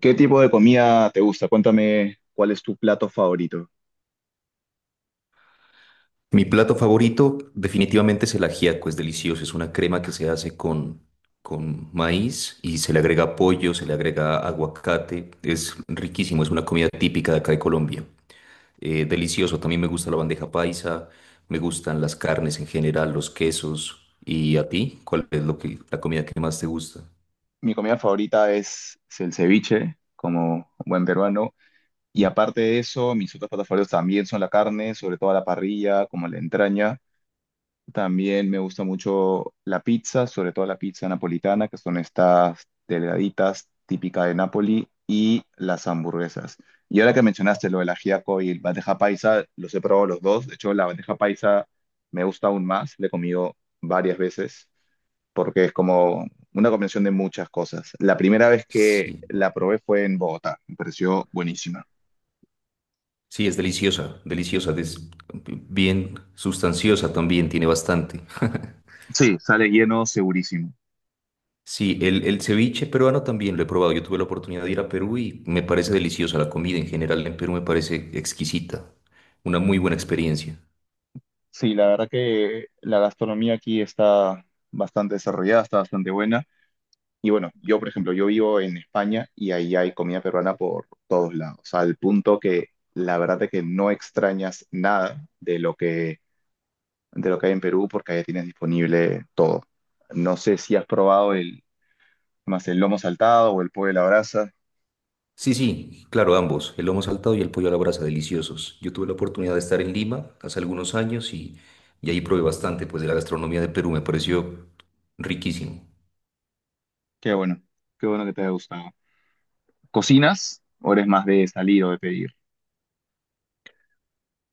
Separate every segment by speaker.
Speaker 1: ¿Qué tipo de comida te gusta? Cuéntame cuál es tu plato favorito.
Speaker 2: Mi plato favorito definitivamente es el ajiaco, es delicioso, es una crema que se hace con maíz y se le agrega pollo, se le agrega aguacate, es riquísimo, es una comida típica de acá de Colombia. Delicioso, también me gusta la bandeja paisa, me gustan las carnes en general, los quesos. ¿Y a ti? ¿Cuál es la comida que más te gusta?
Speaker 1: Mi comida favorita es el ceviche, como buen peruano. Y aparte de eso, mis otros platos favoritos también son la carne, sobre todo a la parrilla, como la entraña. También me gusta mucho la pizza, sobre todo la pizza napolitana, que son estas delgaditas típicas de Nápoli, y las hamburguesas. Y ahora que mencionaste lo del ajiaco y el bandeja paisa, los he probado los dos. De hecho, la bandeja paisa me gusta aún más, la he comido varias veces, porque es como una combinación de muchas cosas. La primera vez que
Speaker 2: Sí,
Speaker 1: la probé fue en Bogotá, me pareció buenísima.
Speaker 2: sí, es deliciosa, deliciosa, es bien sustanciosa también, tiene bastante.
Speaker 1: Sí, sale lleno, segurísimo.
Speaker 2: Sí, el ceviche peruano también lo he probado. Yo tuve la oportunidad de ir a Perú y me parece deliciosa la comida en general. En Perú me parece exquisita. Una muy buena experiencia.
Speaker 1: Sí, la verdad que la gastronomía aquí está bastante desarrollada, está bastante buena. Y bueno, yo, por ejemplo, yo vivo en España y ahí hay comida peruana por todos lados, al punto que la verdad es que no extrañas nada de lo que, de lo que hay en Perú porque ahí tienes disponible todo. No sé si has probado el, más el lomo saltado o el pollo a la brasa.
Speaker 2: Sí, sí, claro, ambos, el lomo saltado y el pollo a la brasa, deliciosos. Yo tuve la oportunidad de estar en Lima hace algunos años y ahí probé bastante, pues de la gastronomía de Perú me pareció riquísimo.
Speaker 1: Qué bueno, qué bueno que te haya gustado. ¿Cocinas o eres más de salir o de pedir?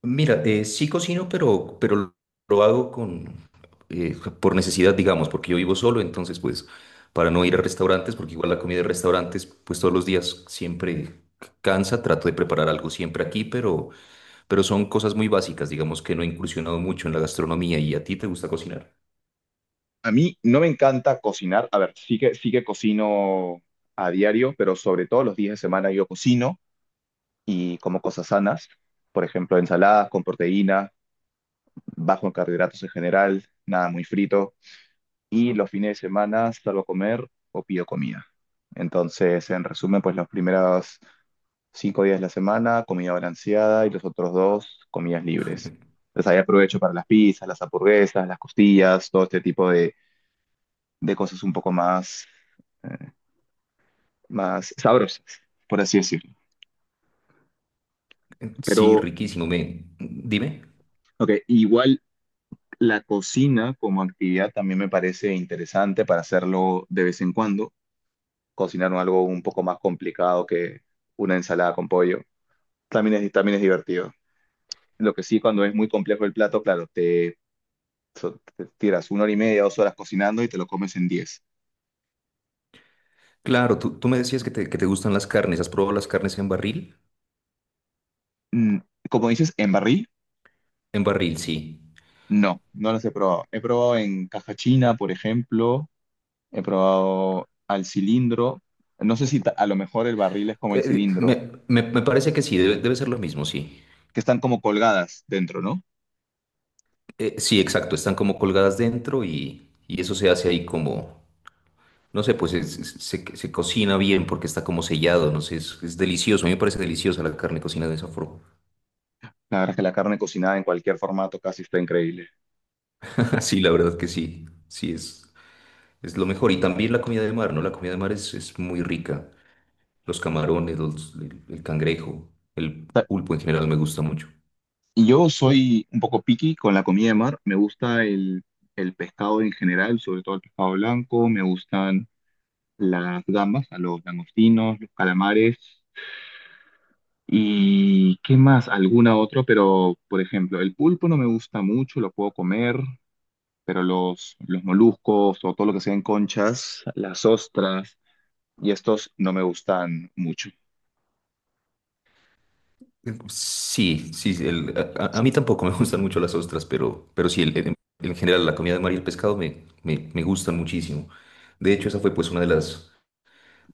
Speaker 2: Mira, sí cocino, pero lo hago por necesidad, digamos, porque yo vivo solo, entonces pues para no ir a restaurantes, porque igual la comida de restaurantes pues todos los días siempre cansa, trato de preparar algo siempre aquí, pero son cosas muy básicas, digamos que no he incursionado mucho en la gastronomía. ¿Y a ti te gusta cocinar?
Speaker 1: A mí no me encanta cocinar. A ver, sí que cocino a diario, pero sobre todo los días de semana yo cocino y como cosas sanas. Por ejemplo, ensaladas con proteína, bajo en carbohidratos en general, nada muy frito. Y los fines de semana salgo a comer o pido comida. Entonces, en resumen, pues los primeros 5 días de la semana, comida balanceada y los otros dos, comidas libres. Entonces ahí aprovecho para las pizzas, las hamburguesas, las costillas, todo este tipo de cosas un poco más eh, más sabrosas, por así decirlo.
Speaker 2: Sí,
Speaker 1: Pero,
Speaker 2: riquísimo, dime.
Speaker 1: ok, igual la cocina como actividad también me parece interesante para hacerlo de vez en cuando, cocinar algo un poco más complicado que una ensalada con pollo. También es divertido. Lo que sí, cuando es muy complejo el plato, claro, te tiras una hora y media, 2 horas cocinando y te lo comes en 10.
Speaker 2: Claro, tú me decías que te gustan las carnes. ¿Has probado las carnes en barril?
Speaker 1: Mm, Como dices, en barril,
Speaker 2: En barril, sí.
Speaker 1: no, no los he probado. He probado en caja china, por ejemplo, he probado al cilindro. No sé si a lo mejor el barril es como el cilindro,
Speaker 2: Me parece que sí, debe ser lo mismo, sí.
Speaker 1: que están como colgadas dentro, ¿no?
Speaker 2: Sí, exacto, están como colgadas dentro y eso se hace ahí como, no sé, pues se cocina bien porque está como sellado, no sé, es delicioso, a mí me parece deliciosa la carne cocinada de esa forma.
Speaker 1: La verdad es que la carne cocinada en cualquier formato casi está increíble.
Speaker 2: Sí, la verdad que sí, sí, es lo mejor. Y también la comida de mar, ¿no? La comida de mar es muy rica, los camarones, el cangrejo, el
Speaker 1: Ta-
Speaker 2: pulpo en general me gusta mucho.
Speaker 1: Y yo soy un poco picky con la comida de mar. Me gusta el pescado en general, sobre todo el pescado blanco. Me gustan las gambas, a los langostinos, los calamares. ¿Y qué más? Alguna otra, pero por ejemplo, el pulpo no me gusta mucho, lo puedo comer. Pero los moluscos o todo lo que sean conchas, las ostras y estos no me gustan mucho.
Speaker 2: Sí, sí, sí, a mí tampoco me gustan mucho las ostras, pero sí, en general la comida de mar y el pescado me gustan muchísimo. De hecho, esa fue pues una de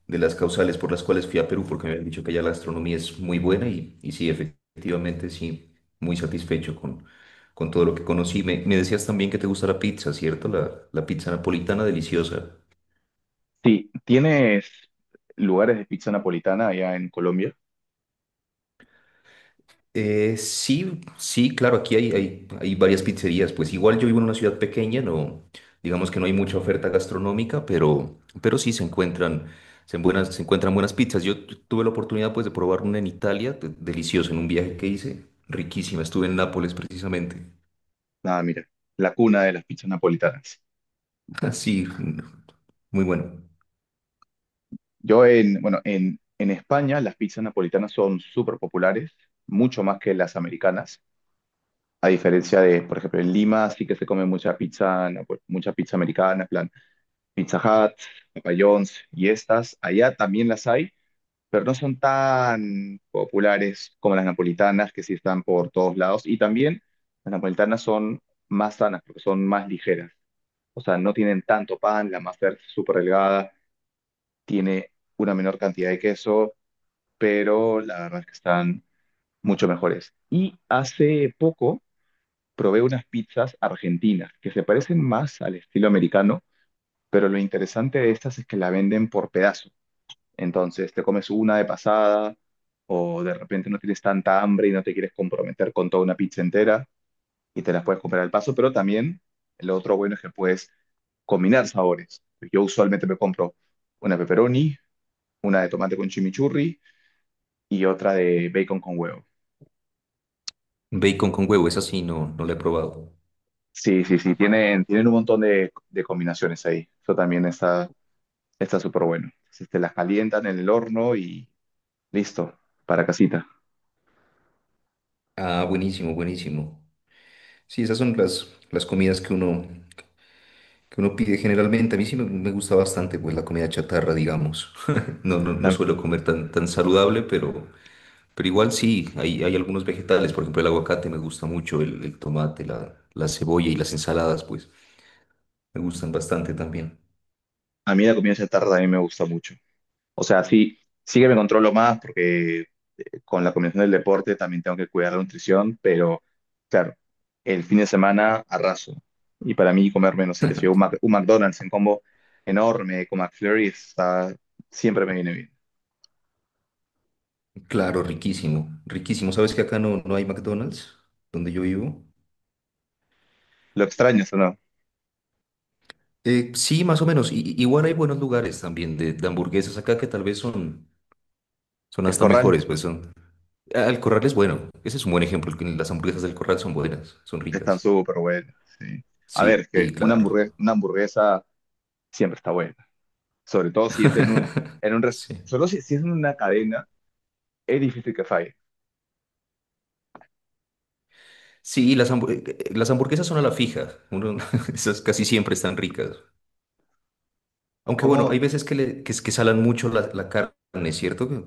Speaker 2: de las causales por las cuales fui a Perú, porque me habían dicho que allá la gastronomía es muy buena y sí, efectivamente, sí, muy satisfecho con todo lo que conocí. Me decías también que te gusta la pizza, ¿cierto? La pizza napolitana deliciosa.
Speaker 1: Sí, ¿tienes lugares de pizza napolitana allá en Colombia?
Speaker 2: Sí, sí, claro, aquí hay varias pizzerías. Pues igual yo vivo en una ciudad pequeña, no, digamos que no hay mucha oferta gastronómica, pero sí se encuentran, se encuentran buenas pizzas. Yo tuve la oportunidad pues de probar una en Italia, deliciosa, en un viaje que hice, riquísima. Estuve en Nápoles precisamente.
Speaker 1: Ah, mira, la cuna de las pizzas napolitanas.
Speaker 2: Sí, muy bueno.
Speaker 1: Yo bueno, en España las pizzas napolitanas son súper populares, mucho más que las americanas. A diferencia de, por ejemplo, en Lima sí que se come mucha pizza mucha pizza americana, en plan Pizza Hut, Papa John's y estas. Allá también las hay, pero no son tan populares como las napolitanas, que sí están por todos lados. Y también las napolitanas son más sanas, porque son más ligeras. O sea, no tienen tanto pan, la masa es súper delgada, tiene una menor cantidad de queso, pero la verdad es que están mucho mejores. Y hace poco probé unas pizzas argentinas, que se parecen más al estilo americano, pero lo interesante de estas es que la venden por pedazos. Entonces te comes una de pasada o de repente no tienes tanta hambre y no te quieres comprometer con toda una pizza entera y te las puedes comprar al paso, pero también lo otro bueno es que puedes combinar sabores. Yo usualmente me compro una pepperoni, una de tomate con chimichurri y otra de bacon con huevo.
Speaker 2: Bacon con huevo, esa sí no, no la he probado.
Speaker 1: Sí, sí, sí, tienen un montón de combinaciones ahí. Eso también está súper bueno. Entonces te las calientan en el horno y listo, para casita.
Speaker 2: Ah, buenísimo, buenísimo. Sí, esas son las comidas que uno pide generalmente. A mí sí me gusta bastante pues la comida chatarra, digamos. No, no, no
Speaker 1: A,
Speaker 2: suelo comer tan, tan saludable, pero igual sí, hay algunos vegetales, por ejemplo el aguacate me gusta mucho, el tomate, la cebolla y las ensaladas, pues me gustan bastante también.
Speaker 1: a mí la comida chatarra también me gusta mucho. O sea, sí, sí que me controlo más porque con la combinación del deporte también tengo que cuidar la nutrición, pero claro, el fin de semana arraso. Y para mí comerme, no sé qué sé yo, un McDonald's en combo enorme con McFlurry está, siempre me viene bien.
Speaker 2: Claro, riquísimo, riquísimo. ¿Sabes que acá no, no hay McDonald's donde yo vivo?
Speaker 1: Lo extraño, ¿o no?
Speaker 2: Sí, más o menos. Igual hay buenos lugares también de hamburguesas acá que tal vez son, son
Speaker 1: El
Speaker 2: hasta
Speaker 1: Corral
Speaker 2: mejores, pues son, Al Corral es bueno. Ese es un buen ejemplo. Que Las hamburguesas del Corral son buenas, son
Speaker 1: están
Speaker 2: ricas.
Speaker 1: súper buenas, sí. A
Speaker 2: Sí,
Speaker 1: ver, es que
Speaker 2: y claro.
Speaker 1: una hamburguesa siempre está buena. Sobre todo si es en un,
Speaker 2: Sí.
Speaker 1: sobre todo si es en una cadena, es difícil que falle.
Speaker 2: Sí, las hamburguesas son a la fija. Esas casi siempre están ricas. Aunque bueno,
Speaker 1: ¿Cómo,
Speaker 2: hay veces que, le, que, es- que salan mucho la carne, ¿cierto? Que,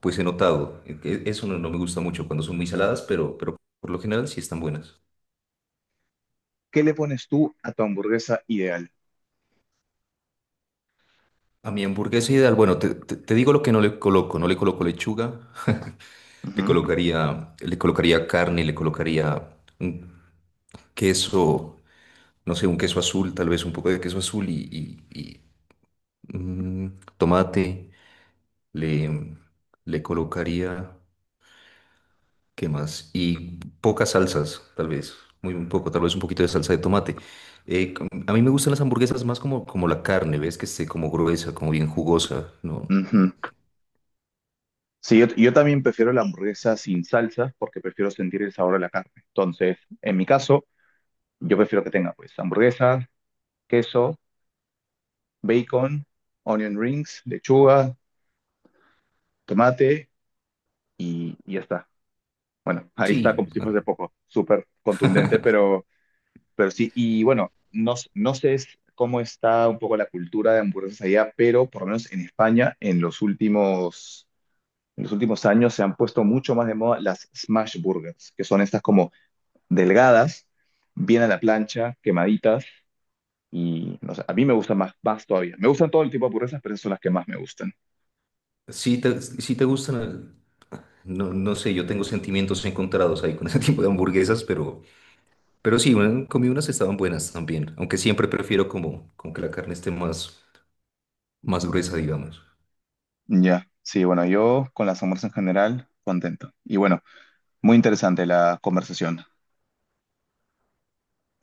Speaker 2: pues he notado. Eso no, no me gusta mucho cuando son muy saladas, pero por lo general sí están buenas.
Speaker 1: qué le pones tú a tu hamburguesa ideal?
Speaker 2: A mi hamburguesa ideal, bueno, te digo lo que no le coloco. No le coloco lechuga.
Speaker 1: Ujú,
Speaker 2: Le colocaría carne, le colocaría un queso, no sé, un queso azul, tal vez un poco de queso azul tomate. Le, le colocaría, ¿Qué más? Y pocas salsas, tal vez, muy un poco, tal vez un poquito de salsa de tomate. A mí me gustan las hamburguesas más como, como la carne, ¿ves? Que esté como gruesa, como bien jugosa, ¿no?
Speaker 1: ujú. Sí, yo también prefiero la hamburguesa sin salsas porque prefiero sentir el sabor de la carne. Entonces, en mi caso, yo prefiero que tenga pues hamburguesa, queso, bacon, onion rings, lechuga, tomate y ya está. Bueno, ahí está
Speaker 2: Sí,
Speaker 1: como si fuese poco, súper contundente, pero sí. Y bueno, no sé cómo está un poco la cultura de hamburguesas allá, pero por lo menos en España, en los últimos años se han puesto mucho más de moda las smash burgers, que son estas como delgadas, bien a la plancha, quemaditas, y no sé, a mí me gustan más, más todavía. Me gustan todo el tipo de hamburguesas, pero esas son las que más me gustan.
Speaker 2: sí te gustan, no, no sé, yo tengo sentimientos encontrados ahí con ese tipo de hamburguesas, pero... Pero sí, bueno, comí unas que estaban buenas también, aunque siempre prefiero como, como que la carne esté más, más gruesa, digamos.
Speaker 1: Ya, sí, bueno, yo con las hamburguesas en general, contento. Y bueno, muy interesante la conversación.